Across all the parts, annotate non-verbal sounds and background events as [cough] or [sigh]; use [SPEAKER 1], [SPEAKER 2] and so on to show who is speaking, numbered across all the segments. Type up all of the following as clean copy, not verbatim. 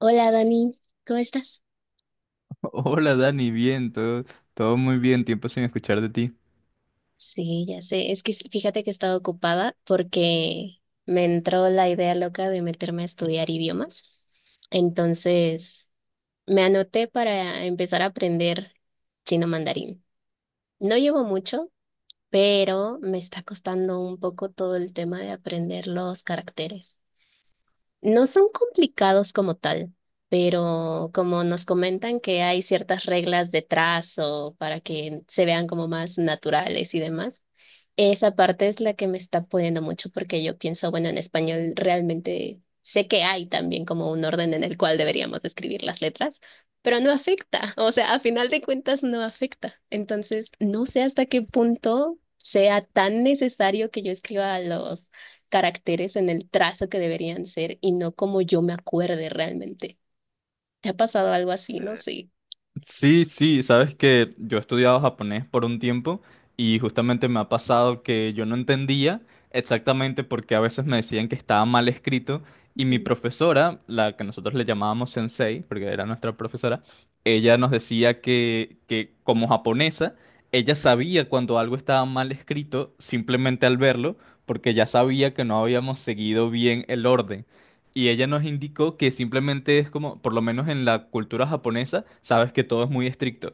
[SPEAKER 1] Hola Dani, ¿cómo estás?
[SPEAKER 2] Hola Dani, bien, todo, todo muy bien, tiempo sin escuchar de ti.
[SPEAKER 1] Sí, ya sé, es que fíjate que he estado ocupada porque me entró la idea loca de meterme a estudiar idiomas. Entonces, me anoté para empezar a aprender chino mandarín. No llevo mucho, pero me está costando un poco todo el tema de aprender los caracteres. No son complicados como tal, pero como nos comentan que hay ciertas reglas de trazo para que se vean como más naturales y demás, esa parte es la que me está poniendo mucho porque yo pienso, bueno, en español realmente sé que hay también como un orden en el cual deberíamos escribir las letras, pero no afecta, [laughs] o sea, a final de cuentas no afecta. Entonces, no sé hasta qué punto sea tan necesario que yo escriba los caracteres en el trazo que deberían ser y no como yo me acuerde realmente. ¿Te ha pasado algo así? No, sí.
[SPEAKER 2] Sí, sí, sabes que yo he estudiado japonés por un tiempo y justamente me ha pasado que yo no entendía exactamente porque a veces me decían que estaba mal escrito y mi
[SPEAKER 1] Ujú.
[SPEAKER 2] profesora, la que nosotros le llamábamos sensei, porque era nuestra profesora, ella nos decía que como japonesa, ella sabía cuando algo estaba mal escrito simplemente al verlo porque ya sabía que no habíamos seguido bien el orden. Y ella nos indicó que simplemente es como, por lo menos en la cultura japonesa, sabes que todo es muy estricto.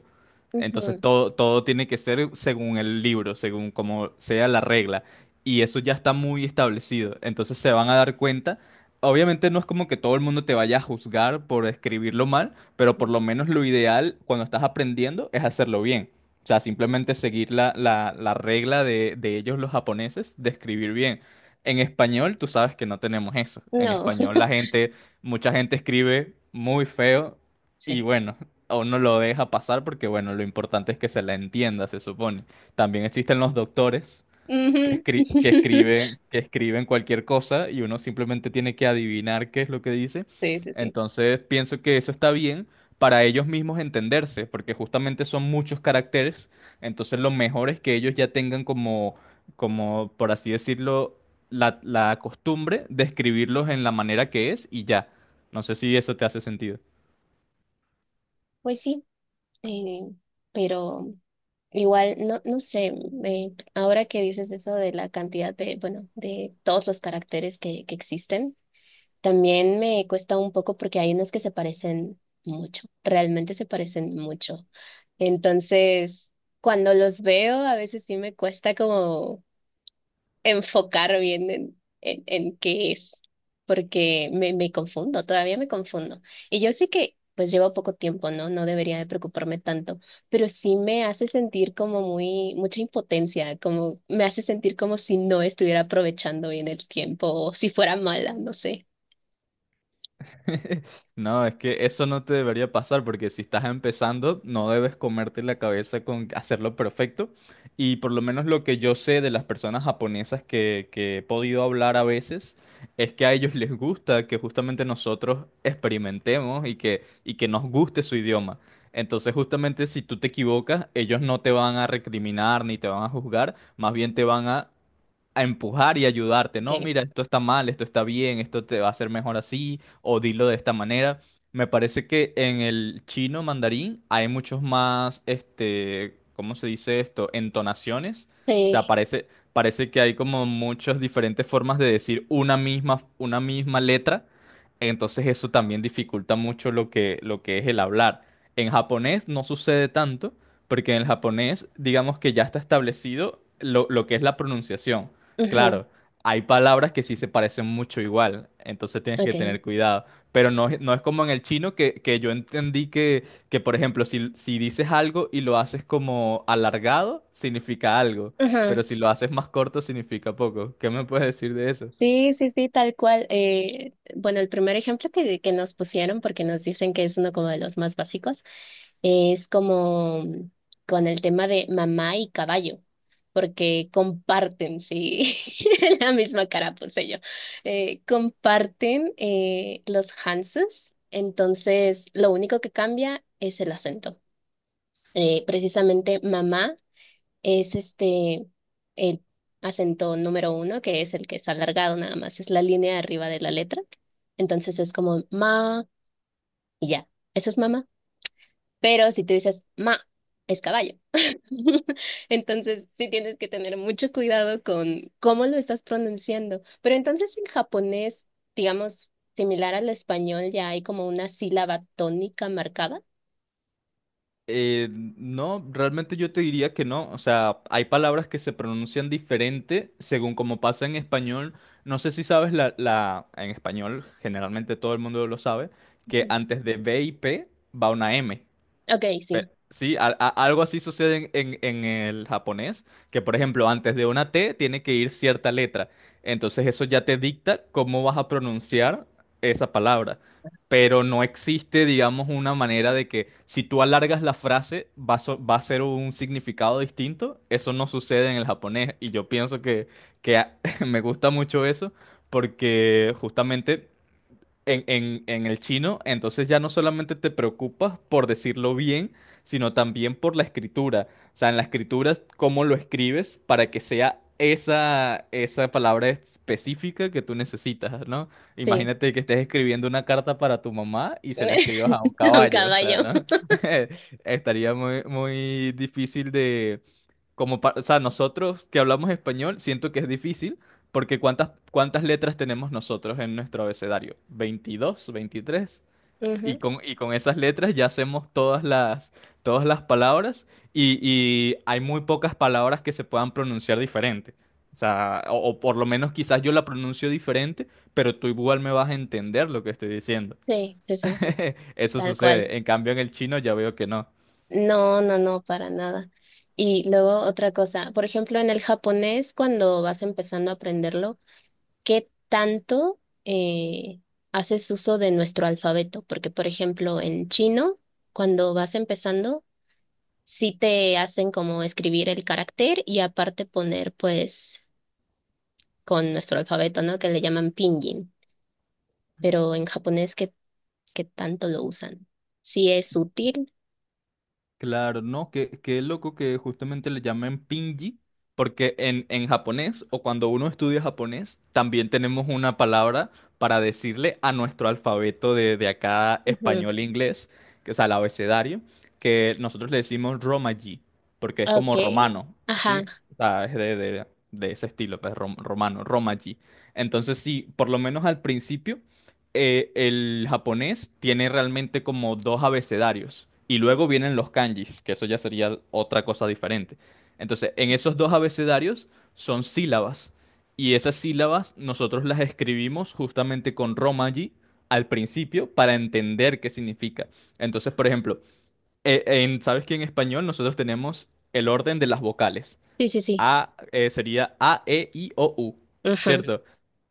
[SPEAKER 2] Entonces
[SPEAKER 1] Ujú.
[SPEAKER 2] todo, todo tiene que ser según el libro, según como sea la regla. Y eso ya está muy establecido. Entonces se van a dar cuenta. Obviamente no es como que todo el mundo te vaya a juzgar por escribirlo mal, pero por lo menos lo ideal cuando estás aprendiendo es hacerlo bien. O sea, simplemente seguir la regla de ellos los japoneses de escribir bien. En español, tú sabes que no tenemos eso. En
[SPEAKER 1] No,
[SPEAKER 2] español,
[SPEAKER 1] [laughs]
[SPEAKER 2] la gente, mucha gente escribe muy feo y
[SPEAKER 1] sí.
[SPEAKER 2] bueno, a uno lo deja pasar porque bueno, lo importante es que se la entienda, se supone. También existen los doctores
[SPEAKER 1] Ujú. [laughs]
[SPEAKER 2] que escriben cualquier cosa y uno simplemente tiene que adivinar qué es lo que dice.
[SPEAKER 1] Sí, sí, sí.
[SPEAKER 2] Entonces pienso que eso está bien para ellos mismos entenderse, porque justamente son muchos caracteres. Entonces lo mejor es que ellos ya tengan como, como por así decirlo, la costumbre de escribirlos en la manera que es y ya. No sé si eso te hace sentido.
[SPEAKER 1] Pues sí, eh, pero igual, no, no sé, ahora que dices eso de la cantidad de, bueno, de todos los caracteres que existen. También me cuesta un poco porque hay unos que se parecen mucho, realmente se parecen mucho. Entonces, cuando los veo, a veces sí me cuesta como enfocar bien en en, qué es, porque me confundo, todavía me confundo. Y yo sé que pues llevo poco tiempo, ¿no? No debería de preocuparme tanto, pero sí me hace sentir como muy, mucha impotencia, como me hace sentir como si no estuviera aprovechando bien el tiempo o si fuera mala, no sé.
[SPEAKER 2] [laughs] No, es que eso no te debería pasar porque si estás empezando no debes comerte la cabeza con hacerlo perfecto. Y por lo menos lo que yo sé de las personas japonesas que he podido hablar a veces es que a ellos les gusta que justamente nosotros experimentemos y que nos guste su idioma. Entonces justamente si tú te equivocas, ellos no te van a recriminar ni te van a juzgar, más bien te van a empujar y ayudarte, no,
[SPEAKER 1] Ok.
[SPEAKER 2] mira, esto está mal, esto está bien, esto te va a hacer mejor así, o dilo de esta manera. Me parece que en el chino mandarín hay muchos más, este, ¿cómo se dice esto? Entonaciones. O sea,
[SPEAKER 1] Sí,
[SPEAKER 2] parece, parece que hay como muchas diferentes formas de decir una misma letra. Entonces eso también dificulta mucho lo que es el hablar. En japonés no sucede tanto, porque en el japonés, digamos que ya está establecido lo que es la pronunciación.
[SPEAKER 1] ujú,
[SPEAKER 2] Claro, hay palabras que sí se parecen mucho igual, entonces tienes que
[SPEAKER 1] okay,
[SPEAKER 2] tener cuidado. Pero no, no es como en el chino que yo entendí que por ejemplo, si dices algo y lo haces como alargado, significa algo,
[SPEAKER 1] ujú.
[SPEAKER 2] pero si lo haces más corto, significa poco. ¿Qué me puedes decir de eso?
[SPEAKER 1] Sí, sí, sí, tal cual. Bueno, el primer ejemplo que nos pusieron, porque nos dicen que es uno como de los más básicos, es como con el tema de mamá y caballo, porque comparten, sí, [laughs] la misma cara puse yo, comparten los Hanses, entonces lo único que cambia es el acento. Precisamente mamá. Es este, el acento número uno, que es el que es alargado nada más, es la línea de arriba de la letra. Entonces es como ma y ya, eso es mamá. Pero si tú dices ma, es caballo. [laughs] Entonces sí tienes que tener mucho cuidado con cómo lo estás pronunciando. Pero entonces en japonés, digamos, similar al español, ya hay como una sílaba tónica marcada.
[SPEAKER 2] No, realmente yo te diría que no. O sea, hay palabras que se pronuncian diferente según como pasa en español. No sé si sabes en español, generalmente todo el mundo lo sabe, que
[SPEAKER 1] Ujú.
[SPEAKER 2] antes de B y P va una M.
[SPEAKER 1] Ok,
[SPEAKER 2] Pe-
[SPEAKER 1] sí,
[SPEAKER 2] Sí, algo así sucede en, en el japonés, que por ejemplo antes de una T tiene que ir cierta letra. Entonces eso ya te dicta cómo vas a pronunciar esa palabra. Pero no existe, digamos, una manera de que si tú alargas la frase va a, va a ser un significado distinto. Eso no sucede en el japonés. Y yo pienso que, que a- [laughs] me gusta mucho eso porque justamente en, en el chino, entonces ya no solamente te preocupas por decirlo bien, sino también por la escritura. O sea, en la escritura, cómo lo escribes para que sea esa, esa palabra específica que tú necesitas, ¿no?
[SPEAKER 1] sí.
[SPEAKER 2] Imagínate que estés escribiendo una carta para tu mamá y se la escribas a un
[SPEAKER 1] [laughs] Un
[SPEAKER 2] caballo, o sea,
[SPEAKER 1] caballo.
[SPEAKER 2] ¿no? [laughs] Estaría muy, muy difícil como o sea, nosotros que hablamos español, siento que es difícil porque ¿cuántas, cuántas letras tenemos nosotros en nuestro abecedario? ¿22, 23?
[SPEAKER 1] Ujú,
[SPEAKER 2] Y con esas letras ya hacemos todas las palabras y hay muy pocas palabras que se puedan pronunciar diferente. O sea, o por lo menos quizás yo la pronuncio diferente, pero tú igual me vas a entender lo que estoy diciendo.
[SPEAKER 1] sí, sí, sí.
[SPEAKER 2] [laughs] Eso
[SPEAKER 1] Tal cual.
[SPEAKER 2] sucede. En cambio, en el chino ya veo que no.
[SPEAKER 1] No, no, no, para nada. Y luego otra cosa, por ejemplo, en el japonés, cuando vas empezando a aprenderlo, qué tanto haces uso de nuestro alfabeto? Porque, por ejemplo, en chino, cuando vas empezando, sí te hacen como escribir el carácter y aparte poner, pues, con nuestro alfabeto, ¿no? Que le llaman pinyin. Pero en japonés, ¿qué, qué tanto lo usan? ¿Sí es útil?
[SPEAKER 2] Claro, no, que qué loco que justamente le llamen pinji, porque en japonés o cuando uno estudia japonés, también tenemos una palabra para decirle a nuestro alfabeto de acá
[SPEAKER 1] Ujú.
[SPEAKER 2] español e inglés, que, o sea, el abecedario, que nosotros le decimos romaji, porque es
[SPEAKER 1] Ok.
[SPEAKER 2] como romano, ¿sí?
[SPEAKER 1] Ajá.
[SPEAKER 2] O sea, es de, de ese estilo, pues romano, romaji. Entonces, sí, por lo menos al principio el japonés tiene realmente como dos abecedarios y luego vienen los kanjis, que eso ya sería otra cosa diferente. Entonces, en esos dos abecedarios son sílabas y esas sílabas nosotros las escribimos justamente con romaji al principio para entender qué significa. Entonces, por ejemplo, ¿sabes que en español nosotros tenemos el orden de las vocales?
[SPEAKER 1] Sí, sí, sí.
[SPEAKER 2] A Sería A, E, I, O, U,
[SPEAKER 1] Ujú, sí.
[SPEAKER 2] ¿cierto?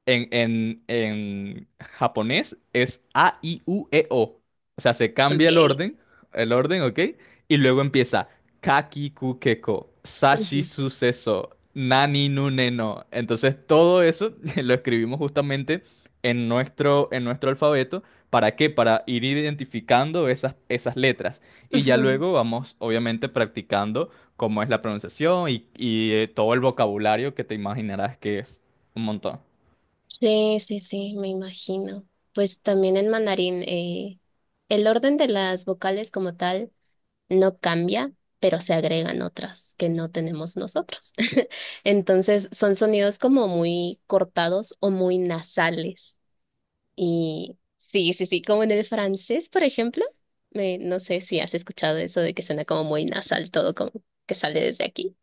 [SPEAKER 2] En japonés es A, I, U, E, O. O sea, se cambia
[SPEAKER 1] Ok.
[SPEAKER 2] el orden, ¿ok? Y luego empieza Kaki, ku, keko, Sashi,
[SPEAKER 1] Ujú,
[SPEAKER 2] suceso, Nani, nu, ne, no. Entonces, todo eso [laughs] lo escribimos justamente en nuestro alfabeto. ¿Para qué? Para ir identificando esas, esas letras. Y ya
[SPEAKER 1] ujú.
[SPEAKER 2] luego vamos, obviamente, practicando cómo es la pronunciación y, todo el vocabulario que te imaginarás que es un montón.
[SPEAKER 1] Sí, sí, sí, me imagino. Pues también en mandarín, el orden de las vocales como tal no cambia, pero se agregan otras que no tenemos nosotros. [laughs] Entonces son sonidos como muy cortados o muy nasales. Y sí, sí, sí, como en el francés, por ejemplo. Me, no sé si has escuchado eso de que suena como muy nasal todo, como que sale desde aquí.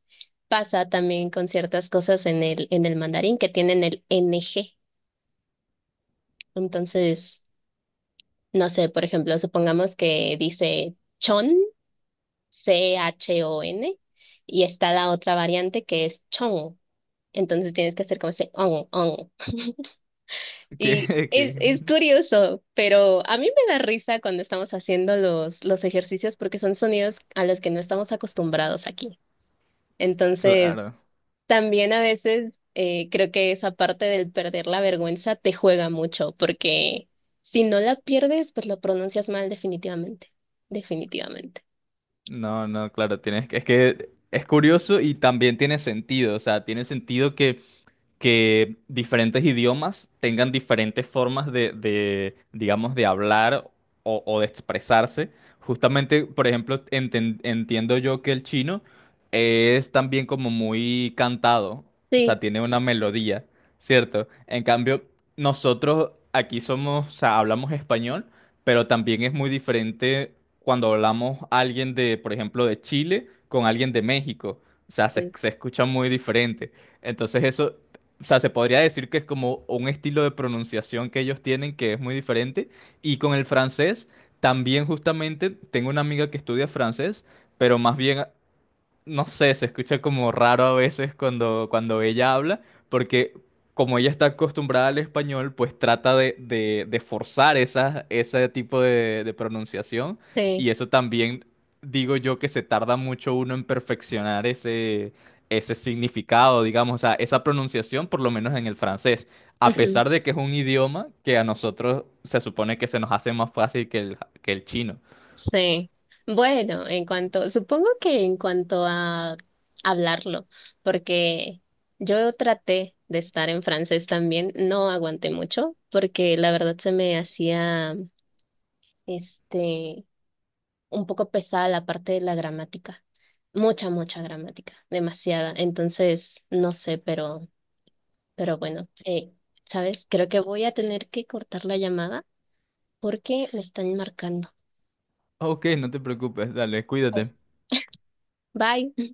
[SPEAKER 1] Pasa también con ciertas cosas en el mandarín que tienen el NG. Entonces, no sé, por ejemplo, supongamos que dice chon, CHON, y está la otra variante que es chong. Entonces tienes que hacer como ese on, on.
[SPEAKER 2] [laughs] Que,
[SPEAKER 1] Y
[SPEAKER 2] que-
[SPEAKER 1] es curioso, pero a mí me da risa cuando estamos haciendo los ejercicios porque son sonidos a los que no estamos acostumbrados aquí. Entonces,
[SPEAKER 2] claro.
[SPEAKER 1] también a veces creo que esa parte del perder la vergüenza te juega mucho, porque si no la pierdes, pues lo pronuncias mal definitivamente, definitivamente.
[SPEAKER 2] No, no, claro, tienes que es curioso y también tiene sentido, o sea, tiene sentido que diferentes idiomas tengan diferentes formas de, digamos, de hablar o de expresarse. Justamente, por ejemplo, entiendo yo que el chino es también como muy cantado, o sea,
[SPEAKER 1] Sí,
[SPEAKER 2] tiene una melodía, ¿cierto? En cambio, nosotros aquí somos, o sea, hablamos español, pero también es muy diferente cuando hablamos alguien de, por ejemplo, de Chile con alguien de México. O sea, se,
[SPEAKER 1] sí,
[SPEAKER 2] se escucha muy diferente. Entonces eso, o sea, se podría decir que es como un estilo de pronunciación que ellos tienen que es muy diferente. Y con el francés, también justamente tengo una amiga que estudia francés, pero más bien no sé, se escucha como raro a veces cuando, cuando ella habla, porque como ella está acostumbrada al español, pues trata de, de forzar esa, ese tipo de pronunciación
[SPEAKER 1] sí.
[SPEAKER 2] y eso también digo yo que se tarda mucho uno en perfeccionar ese, ese significado, digamos, o sea, esa pronunciación, por lo menos en el francés, a
[SPEAKER 1] Ujú,
[SPEAKER 2] pesar de que es un idioma que a nosotros se supone que se nos hace más fácil que el chino.
[SPEAKER 1] sí. Bueno, en cuanto, supongo que en cuanto a hablarlo, porque yo traté de estar en francés también, no aguanté mucho, porque la verdad se me hacía, este, un poco pesada la parte de la gramática. Mucha, mucha gramática, demasiada. Entonces, no sé, pero, bueno, ¿sabes? Creo que voy a tener que cortar la llamada porque me están marcando.
[SPEAKER 2] Ok, no te preocupes, dale,
[SPEAKER 1] Bye.
[SPEAKER 2] cuídate.
[SPEAKER 1] [laughs] Bye.